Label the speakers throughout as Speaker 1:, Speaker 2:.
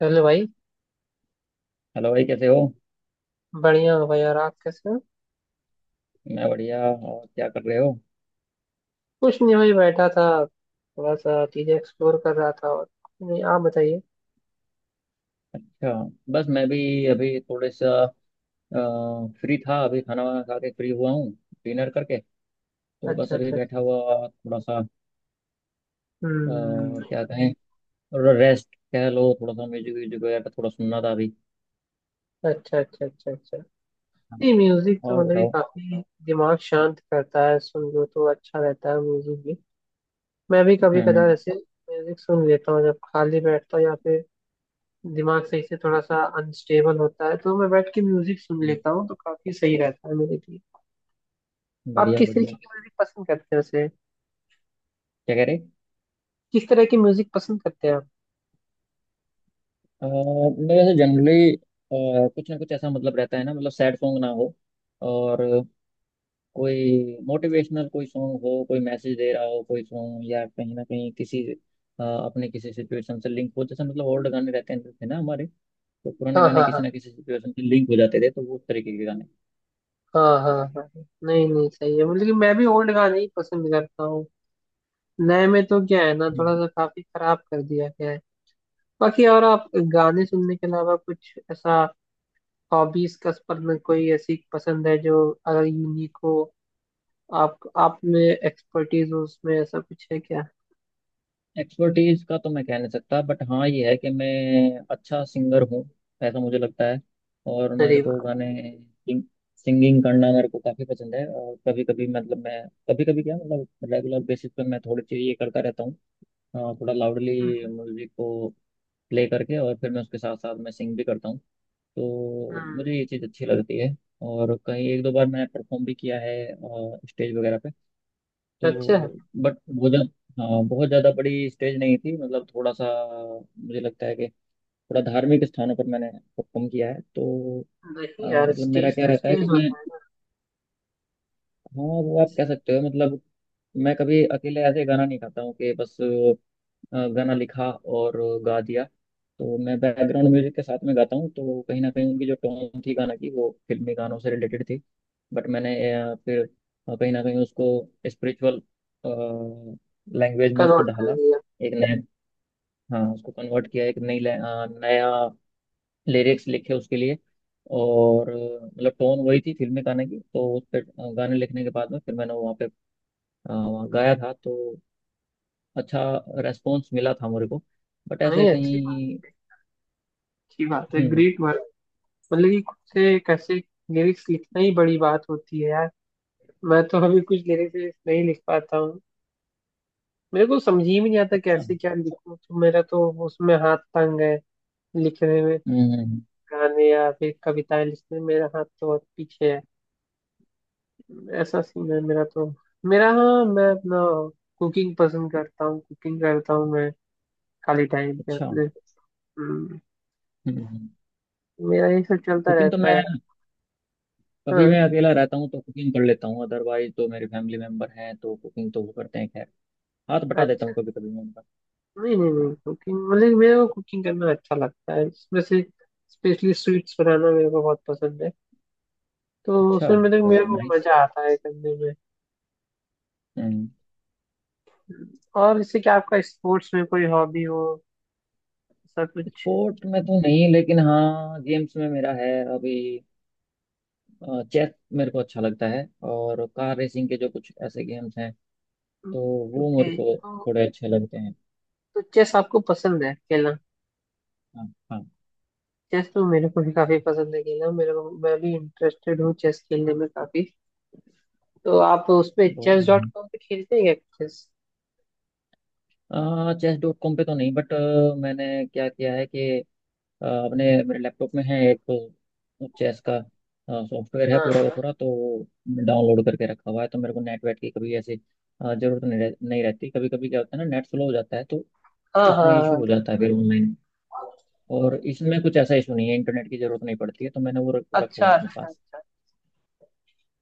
Speaker 1: चलो भाई।
Speaker 2: हेलो भाई, कैसे हो?
Speaker 1: बढ़िया हो भाई, और आप कैसे हो?
Speaker 2: मैं बढ़िया। और क्या कर रहे हो?
Speaker 1: कुछ नहीं भाई, बैठा था, थोड़ा सा चीजें एक्सप्लोर कर रहा था। और नहीं, आप बताइए।
Speaker 2: अच्छा। बस मैं भी अभी थोड़े सा फ्री था। अभी खाना वाना खा के फ्री हुआ हूँ, डिनर करके। तो
Speaker 1: अच्छा
Speaker 2: बस अभी
Speaker 1: अच्छा अच्छा।
Speaker 2: बैठा हुआ थोड़ा सा,
Speaker 1: हम्म।
Speaker 2: क्या कहें। थोड़ा रेस्ट कह लो, थोड़ा सा म्यूजिक व्यूजिक वगैरह थोड़ा सुनना था अभी।
Speaker 1: अच्छा अच्छा अच्छा अच्छा। नहीं म्यूजिक तो
Speaker 2: और
Speaker 1: मतलब कि
Speaker 2: बताओ।
Speaker 1: काफी दिमाग शांत करता है, सुन लो तो अच्छा रहता है म्यूजिक भी। मैं भी कभी
Speaker 2: हम्म।
Speaker 1: कदार
Speaker 2: हम्म।
Speaker 1: ऐसे म्यूजिक सुन लेता हूँ, जब खाली बैठता हूँ या फिर दिमाग सही से थोड़ा सा अनस्टेबल होता है, तो मैं बैठ के म्यूजिक सुन
Speaker 2: हम्म,
Speaker 1: लेता हूँ तो काफी सही रहता है मेरे लिए। आप
Speaker 2: बढ़िया
Speaker 1: किस तरीके
Speaker 2: बढ़िया।
Speaker 1: की म्यूजिक पसंद करते हैं वैसे?
Speaker 2: क्या कह रहे?
Speaker 1: किस तरह की म्यूजिक पसंद करते हैं आप?
Speaker 2: मैं वैसे जनरली कुछ ना कुछ ऐसा मतलब रहता है ना, मतलब सैड सॉन्ग ना हो और कोई मोटिवेशनल कोई सॉन्ग हो, कोई मैसेज दे रहा हो कोई सॉन्ग, या कहीं ना कहीं किसी अपने किसी सिचुएशन से लिंक हो। जैसे मतलब ओल्ड गाने रहते हैं थे ना हमारे, तो पुराने
Speaker 1: हाँ
Speaker 2: गाने
Speaker 1: हाँ
Speaker 2: किसी
Speaker 1: हाँ।
Speaker 2: ना किसी सिचुएशन से लिंक हो जाते थे, तो वो उस तरीके के गाने।
Speaker 1: हाँ हाँ हाँ हाँ। नहीं नहीं, सही है, मतलब कि मैं भी ओल्ड गाने ही पसंद करता हूँ। नए में तो क्या है ना, थोड़ा सा काफी खराब कर दिया गया है। बाकी और आप? गाने सुनने के अलावा कुछ ऐसा हॉबीज का स्पर्न, कोई ऐसी पसंद है जो अगर यूनिक हो, आप में एक्सपर्टीज हो, उसमें ऐसा कुछ है क्या?
Speaker 2: एक्सपर्टीज का तो मैं कह नहीं सकता, बट हाँ ये है कि मैं अच्छा सिंगर हूँ, ऐसा मुझे लगता है। और
Speaker 1: अरे
Speaker 2: मेरे को
Speaker 1: वाह।
Speaker 2: गाने, सिंगिंग करना मेरे को काफ़ी पसंद है। और कभी कभी मतलब मैं, कभी कभी क्या मतलब रेगुलर बेसिस पे मैं थोड़ी चीज़ ये करता रहता हूँ। हाँ, थोड़ा लाउडली
Speaker 1: हम्म
Speaker 2: म्यूजिक को प्ले करके और फिर मैं उसके साथ साथ मैं सिंग भी करता हूँ। तो
Speaker 1: हम्म।
Speaker 2: मुझे ये चीज़ अच्छी लगती है। और कहीं एक दो बार मैंने परफॉर्म भी किया है, स्टेज वगैरह पे।
Speaker 1: अच्छा है।
Speaker 2: तो बट बहुत ज़्यादा बड़ी स्टेज नहीं थी, मतलब थोड़ा सा। मुझे लगता है कि थोड़ा धार्मिक स्थानों पर मैंने परफॉर्म किया है। तो
Speaker 1: नहीं यार,
Speaker 2: मतलब मेरा
Speaker 1: स्टेज
Speaker 2: क्या
Speaker 1: तो
Speaker 2: रहता है
Speaker 1: स्टेज
Speaker 2: कि मैं,
Speaker 1: होता है ना।
Speaker 2: हाँ वो आप
Speaker 1: इसका
Speaker 2: कह सकते हो। मतलब मैं कभी अकेले ऐसे गाना नहीं गाता हूँ कि बस गाना लिखा और गा दिया। तो मैं बैकग्राउंड म्यूजिक के साथ में गाता हूँ, तो कहीं ना कहीं उनकी जो टोन थी गाना की वो फिल्मी गानों से रिलेटेड थी। बट मैंने फिर कहीं ना कहीं उसको स्पिरिचुअल लैंग्वेज में उसको
Speaker 1: नोट कर
Speaker 2: ढाला।
Speaker 1: लिया।
Speaker 2: एक नया, हाँ उसको कन्वर्ट किया। एक नया लिरिक्स लिखे उसके लिए। और मतलब टोन वही थी फिल्मी गाने की, तो उस पर गाने लिखने के बाद में फिर मैंने वहाँ पे गाया था। तो अच्छा रेस्पॉन्स मिला था मेरे को। बट ऐसे
Speaker 1: नहीं, अच्छी बात
Speaker 2: कहीं।
Speaker 1: है, अच्छी बात है,
Speaker 2: हम्म।
Speaker 1: ग्रेट। मतलब कि खुद से कैसे लिरिक्स लिखना ही बड़ी बात होती है यार। मैं तो अभी कुछ लिरिक्स लिरिक्स नहीं लिख पाता हूँ। मेरे को समझ ही में नहीं आता
Speaker 2: अच्छा।
Speaker 1: कैसे क्या लिखूं, तो मेरा तो उसमें हाथ तंग है लिखने में।
Speaker 2: हम्म।
Speaker 1: गाने या फिर कविताएं लिखने में मेरा हाथ तो बहुत पीछे है, ऐसा सीन है मेरा तो। मेरा, हाँ, मैं अपना कुकिंग पसंद करता हूँ, कुकिंग करता हूँ मैं, खाली टाइम पे
Speaker 2: अच्छा।
Speaker 1: अपने। हम्म।
Speaker 2: हम्म।
Speaker 1: मेरा ये सब चलता
Speaker 2: कुकिंग तो मैं,
Speaker 1: रहता है।
Speaker 2: कभी
Speaker 1: हाँ।
Speaker 2: मैं अकेला रहता हूँ तो कुकिंग कर लेता हूँ, अदरवाइज तो मेरे फैमिली मेंबर हैं तो कुकिंग तो वो करते हैं। खैर हाथ बटा देता
Speaker 1: अच्छा।
Speaker 2: हूँ कभी कभी मैं उनका।
Speaker 1: नहीं नहीं
Speaker 2: हाँ।
Speaker 1: नहीं, कुकिंग मतलब मेरे को कुकिंग करना अच्छा लगता है, इसमें से स्पेशली स्वीट्स बनाना मेरे को बहुत पसंद है। तो
Speaker 2: अच्छा।
Speaker 1: उसमें मतलब मेरे
Speaker 2: वेरी
Speaker 1: को
Speaker 2: नाइस।
Speaker 1: मजा आता है करने में।
Speaker 2: हम्म।
Speaker 1: और इससे क्या आपका स्पोर्ट्स में कोई हॉबी हो, ऐसा कुछ?
Speaker 2: स्पोर्ट में तो नहीं, लेकिन हाँ गेम्स में मेरा है अभी। चेस मेरे को अच्छा लगता है। और कार रेसिंग के जो कुछ ऐसे गेम्स हैं, तो वो
Speaker 1: ओके,
Speaker 2: मेरे को
Speaker 1: तो,
Speaker 2: थोड़े अच्छे लगते हैं।
Speaker 1: तो चेस आपको पसंद है खेलना?
Speaker 2: हाँ, हाँ।
Speaker 1: चेस तो मेरे को भी काफी पसंद है खेलना, मेरे को, मैं भी इंटरेस्टेड हूँ चेस खेलने में काफी। तो आप उस पे
Speaker 2: बहुत
Speaker 1: चेस डॉट
Speaker 2: बढ़िया।
Speaker 1: कॉम पे खेलते हैं क्या? चेस।
Speaker 2: chess.com पे तो नहीं, बट मैंने क्या किया है कि अपने मेरे लैपटॉप में है एक चेस का सॉफ्टवेयर है
Speaker 1: हाँ
Speaker 2: पूरा का
Speaker 1: हाँ
Speaker 2: पूरा। तो डाउनलोड करके रखा हुआ है, तो मेरे को नेट वेट की कभी ऐसी जरूरत नहीं रहती। कभी कभी क्या होता है ना, नेट स्लो हो जाता है तो
Speaker 1: हाँ हाँ
Speaker 2: उसमें इशू
Speaker 1: हाँ।
Speaker 2: हो जाता है फिर ऑनलाइन। और इसमें कुछ ऐसा इशू नहीं है, इंटरनेट की जरूरत नहीं पड़ती है, तो मैंने वो रखा
Speaker 1: अच्छा
Speaker 2: हुआ है अपने
Speaker 1: अच्छा
Speaker 2: पास।
Speaker 1: अच्छा।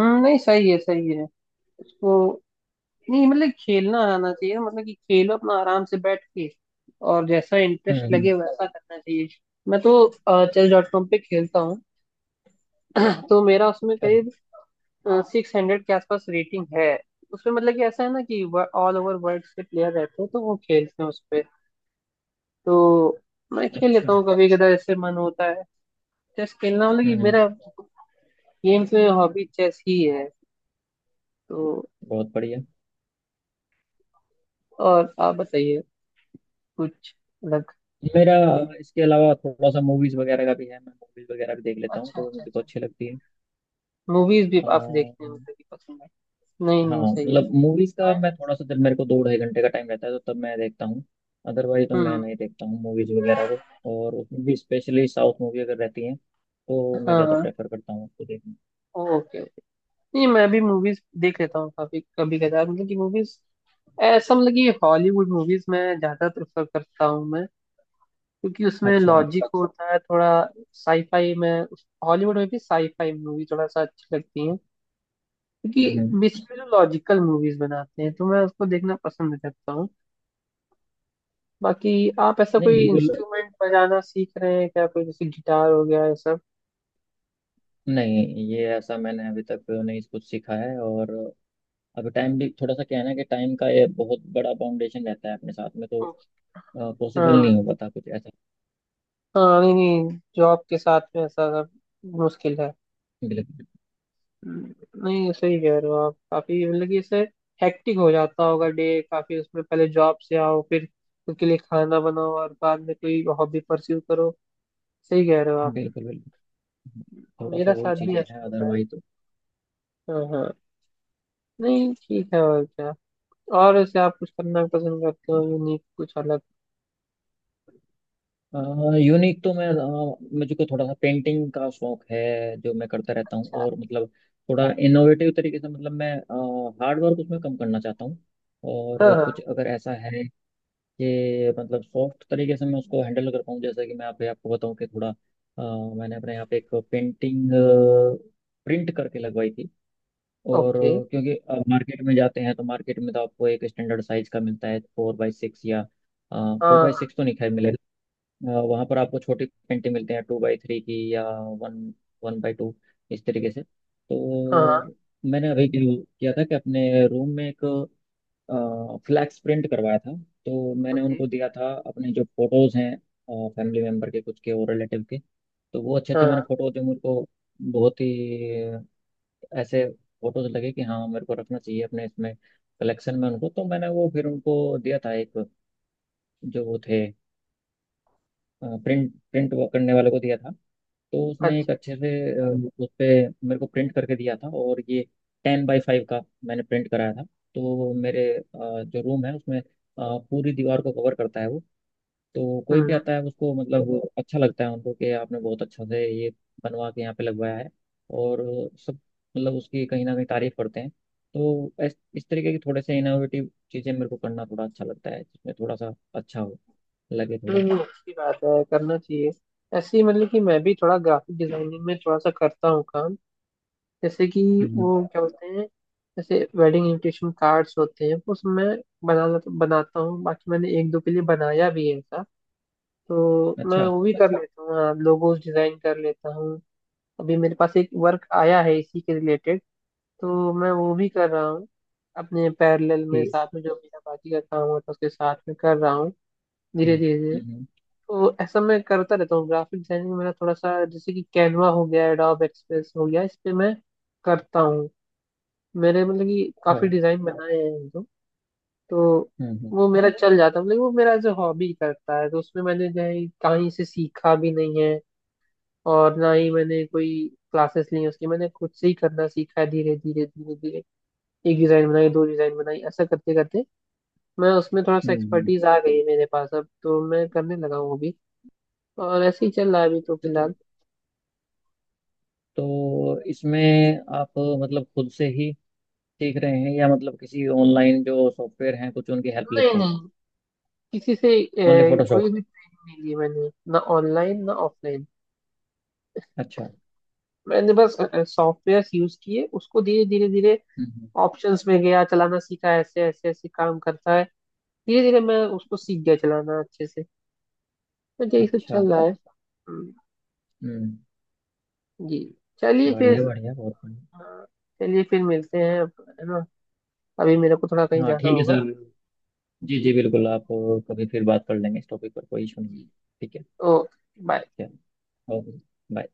Speaker 1: हम्म, नहीं, सही है, सही है उसको। नहीं, मतलब खेलना आना चाहिए, मतलब कि खेलो अपना आराम से बैठ के, और जैसा इंटरेस्ट
Speaker 2: हम्म।
Speaker 1: लगे वैसा करना चाहिए। मैं तो
Speaker 2: हम्म।
Speaker 1: चेस डॉट कॉम पे खेलता हूँ। तो मेरा उसमें
Speaker 2: अच्छा
Speaker 1: करीब 600 के आसपास रेटिंग है। उसमें मतलब कि ऐसा है ना कि ऑल ओवर वर्ल्ड से प्लेयर रहते हैं, तो वो खेलते हैं उस पे। तो मैं खेल
Speaker 2: अच्छा।
Speaker 1: लेता हूँ कभी कदा, जैसे मन होता है। चेस खेलना मतलब कि
Speaker 2: हम्म।
Speaker 1: मेरा गेम्स में हॉबी चेस ही है। तो
Speaker 2: बहुत बढ़िया।
Speaker 1: और आप बताइए, कुछ अलग?
Speaker 2: मेरा इसके अलावा थोड़ा सा मूवीज वगैरह का भी है। मैं मूवीज वगैरह भी देख लेता हूँ,
Speaker 1: अच्छा
Speaker 2: तो वो
Speaker 1: अच्छा
Speaker 2: मुझे को
Speaker 1: अच्छा।
Speaker 2: अच्छी लगती है।
Speaker 1: मूवीज भी
Speaker 2: आ,
Speaker 1: आप देखते हैं, मतलब कि पसंद है? नहीं
Speaker 2: हाँ
Speaker 1: नहीं, सही है।
Speaker 2: मतलब मूवीज का मैं थोड़ा सा, जब मेरे को दो ढाई घंटे का टाइम रहता है तो तब मैं देखता हूँ। अदरवाइज तो मैं
Speaker 1: हम्म।
Speaker 2: नहीं देखता हूँ मूवीज वगैरह को। और उसमें भी स्पेशली साउथ मूवी अगर रहती है तो मैं ज़्यादा
Speaker 1: हाँ।
Speaker 2: प्रेफर करता हूँ उसको देखना।
Speaker 1: Okay okay. नहीं, मैं भी मूवीज देख लेता हूँ काफी कभी कदार, मतलब कि मूवीज, ऐसा मतलब कि हॉलीवुड मूवीज मैं ज्यादा प्रेफर करता हूँ मैं, क्योंकि उसमें
Speaker 2: अच्छा।
Speaker 1: लॉजिक होता है थोड़ा। साईफाई में, हॉलीवुड में भी साईफाई मूवी थोड़ा सा अच्छी लगती है,
Speaker 2: हम्म
Speaker 1: क्योंकि
Speaker 2: हम्म।
Speaker 1: बेसिकली जो लॉजिकल मूवीज बनाते हैं तो मैं उसको देखना पसंद करता हूँ। बाकी आप ऐसा
Speaker 2: नहीं,
Speaker 1: कोई
Speaker 2: बिल्कुल
Speaker 1: इंस्ट्रूमेंट बजाना सीख रहे हैं क्या, कोई जैसे गिटार हो गया ये सब?
Speaker 2: नहीं, ये ऐसा मैंने अभी तक नहीं कुछ सीखा है। और अभी टाइम भी थोड़ा सा क्या है ना, कि टाइम का ये बहुत बड़ा फाउंडेशन रहता है अपने साथ में, तो पॉसिबल नहीं
Speaker 1: हाँ
Speaker 2: हो पाता कुछ ऐसा।
Speaker 1: हाँ। नहीं नहीं, जॉब के साथ में ऐसा सब मुश्किल है।
Speaker 2: बिल्कुल।
Speaker 1: नहीं, सही कह रहे हो आप, काफी, मतलब कि इससे हेक्टिक हो जाता होगा डे काफी, उसमें पहले जॉब से आओ, फिर खुद के लिए खाना बनाओ, और बाद में कोई हॉबी परस्यू करो। सही कह रहे हो आप।
Speaker 2: बिल्कुल बिल्कुल। थोड़ा सा
Speaker 1: मेरा
Speaker 2: वही
Speaker 1: साथ भी
Speaker 2: चीजें
Speaker 1: ऐसे ही
Speaker 2: हैं
Speaker 1: होता है।
Speaker 2: अदरवाइज तो।
Speaker 1: हाँ हाँ। नहीं ठीक है, और क्या। और ऐसे आप कुछ करना पसंद करते हो, यूनिक कुछ अलग?
Speaker 2: यूनिक तो मैं मुझको थोड़ा सा पेंटिंग का शौक है, जो मैं करता रहता हूँ। और मतलब थोड़ा इनोवेटिव तरीके से मतलब मैं हार्ड वर्क उसमें कम करना चाहता हूँ।
Speaker 1: हाँ
Speaker 2: और
Speaker 1: हाँ।
Speaker 2: कुछ अगर ऐसा है कि मतलब सॉफ्ट तरीके से मैं उसको हैंडल कर पाऊँ। जैसे कि मैं आप आपको बताऊँ कि थोड़ा, मैंने अपने यहाँ पे एक पेंटिंग प्रिंट करके लगवाई थी। और
Speaker 1: ओके।
Speaker 2: क्योंकि आप मार्केट में जाते हैं तो मार्केट में तो आपको एक स्टैंडर्ड साइज का मिलता है, 4 बाई 6 या, फोर बाई
Speaker 1: हाँ
Speaker 2: सिक्स तो नहीं खैर मिलेगा। वहां पर आपको छोटी पेंटिंग मिलते हैं 2 बाई 3 की, या वन 1 बाई 2, इस तरीके से।
Speaker 1: हाँ।
Speaker 2: तो मैंने अभी क्या किया था कि अपने रूम में एक फ्लैक्स प्रिंट करवाया था। तो मैंने
Speaker 1: ओके।
Speaker 2: उनको दिया था अपने जो फोटोज हैं, फैमिली मेम्बर के कुछ के और रिलेटिव के। तो वो अच्छे
Speaker 1: हाँ,
Speaker 2: अच्छे
Speaker 1: okay,
Speaker 2: मैंने
Speaker 1: हाँ।
Speaker 2: फोटो जो मुझको बहुत ही ऐसे फोटोज लगे कि हाँ मेरे को रखना चाहिए अपने इसमें कलेक्शन में उनको, तो मैंने वो फिर उनको दिया था एक, जो वो थे प्रिंट प्रिंट करने वाले को दिया था। तो उसने एक
Speaker 1: अच्छा।
Speaker 2: अच्छे से उस पे मेरे को प्रिंट करके दिया था। और ये 10 बाई 5 का मैंने प्रिंट कराया था। तो मेरे जो रूम है उसमें, पूरी दीवार को कवर करता है वो। तो
Speaker 1: हम्म
Speaker 2: कोई भी
Speaker 1: हम्म।
Speaker 2: आता है उसको मतलब वो अच्छा लगता है उनको कि आपने बहुत अच्छा से ये बनवा के यहाँ पे लगवाया है। और सब मतलब उसकी कहीं ना कहीं तारीफ करते हैं। तो इस तरीके की थोड़े से इनोवेटिव चीज़ें मेरे को करना थोड़ा अच्छा लगता है, जिसमें थोड़ा सा अच्छा हो, लगे
Speaker 1: नहीं
Speaker 2: थोड़ा।
Speaker 1: नहीं, अच्छी बात है, करना चाहिए। ऐसे ही मतलब कि मैं भी थोड़ा ग्राफिक डिजाइनिंग में थोड़ा सा करता हूँ काम, जैसे कि, वो
Speaker 2: हम्म।
Speaker 1: क्या बोलते हैं, जैसे वेडिंग इनविटेशन कार्ड्स होते हैं, वो सब मैं बना बनाता हूँ। बाकी मैंने एक दो के लिए बनाया भी है ऐसा, तो मैं
Speaker 2: अच्छा।
Speaker 1: वो भी कर लेता हूँ, हाँ, लोगोस डिजाइन कर लेता हूँ। अभी मेरे पास एक वर्क आया है इसी के रिलेटेड, तो मैं वो भी कर रहा हूँ, अपने पैरेलल में,
Speaker 2: ठीक।
Speaker 1: साथ में जो मेरा बाकी का काम होता है उसके साथ में कर रहा हूँ धीरे
Speaker 2: हम्म,
Speaker 1: धीरे।
Speaker 2: हम्म,
Speaker 1: तो ऐसा मैं करता रहता हूँ ग्राफिक डिजाइनिंग, मेरा थोड़ा सा, जैसे कि कैनवा हो गया, एडोब एक्सप्रेस हो गया, इस पे मैं करता हूँ, मेरे मतलब कि
Speaker 2: अच्छा।
Speaker 1: काफी डिजाइन बनाए हैं हम लोग। तो
Speaker 2: हम्म हम्म
Speaker 1: वो मेरा चल जाता है, मतलब वो मेरा जो हॉबी करता है तो उसमें मैंने जो है कहीं से सीखा भी नहीं है, और ना ही मैंने कोई क्लासेस ली हैं उसकी, मैंने खुद से ही करना सीखा है, धीरे धीरे धीरे धीरे एक डिजाइन बनाई, दो डिजाइन बनाई, ऐसा करते करते मैं उसमें थोड़ा सा
Speaker 2: हम्म, हम्म।
Speaker 1: एक्सपर्टीज आ गई है मेरे पास, अब तो मैं करने लगा हूँ वो भी। और ऐसे ही चल रहा है अभी तो
Speaker 2: तो,
Speaker 1: फिलहाल।
Speaker 2: तो इसमें आप मतलब खुद से ही सीख रहे हैं, या मतलब किसी ऑनलाइन जो सॉफ्टवेयर हैं कुछ उनकी हेल्प
Speaker 1: नहीं
Speaker 2: लेते हैं?
Speaker 1: नहीं, किसी से
Speaker 2: ओनली फोटोशॉप?
Speaker 1: कोई भी ट्रेनिंग नहीं ली मैंने, ना ऑनलाइन ना ऑफलाइन।
Speaker 2: अच्छा।
Speaker 1: मैंने बस सॉफ्टवेयर यूज किए उसको, धीरे धीरे धीरे
Speaker 2: हम्म।
Speaker 1: ऑप्शंस में गया, चलाना सीखा, ऐसे ऐसे ऐसे काम करता है, धीरे धीरे मैं उसको सीख गया चलाना अच्छे से। तो यही सब
Speaker 2: अच्छा।
Speaker 1: चल रहा है।
Speaker 2: हम्म।
Speaker 1: जी। चलिए फिर।
Speaker 2: बढ़िया बढ़िया बहुत बढ़िया।
Speaker 1: हाँ, चलिए फिर मिलते हैं अब, है ना। अभी मेरे को थोड़ा कहीं
Speaker 2: हाँ
Speaker 1: जाना
Speaker 2: ठीक है
Speaker 1: होगा।
Speaker 2: सर। जी जी
Speaker 1: जी।
Speaker 2: बिल्कुल। आप कभी फिर बात कर लेंगे इस टॉपिक पर, कोई इशू नहीं है।
Speaker 1: जी।
Speaker 2: ठीक है।
Speaker 1: ओ।
Speaker 2: चलो। ओके। बाय।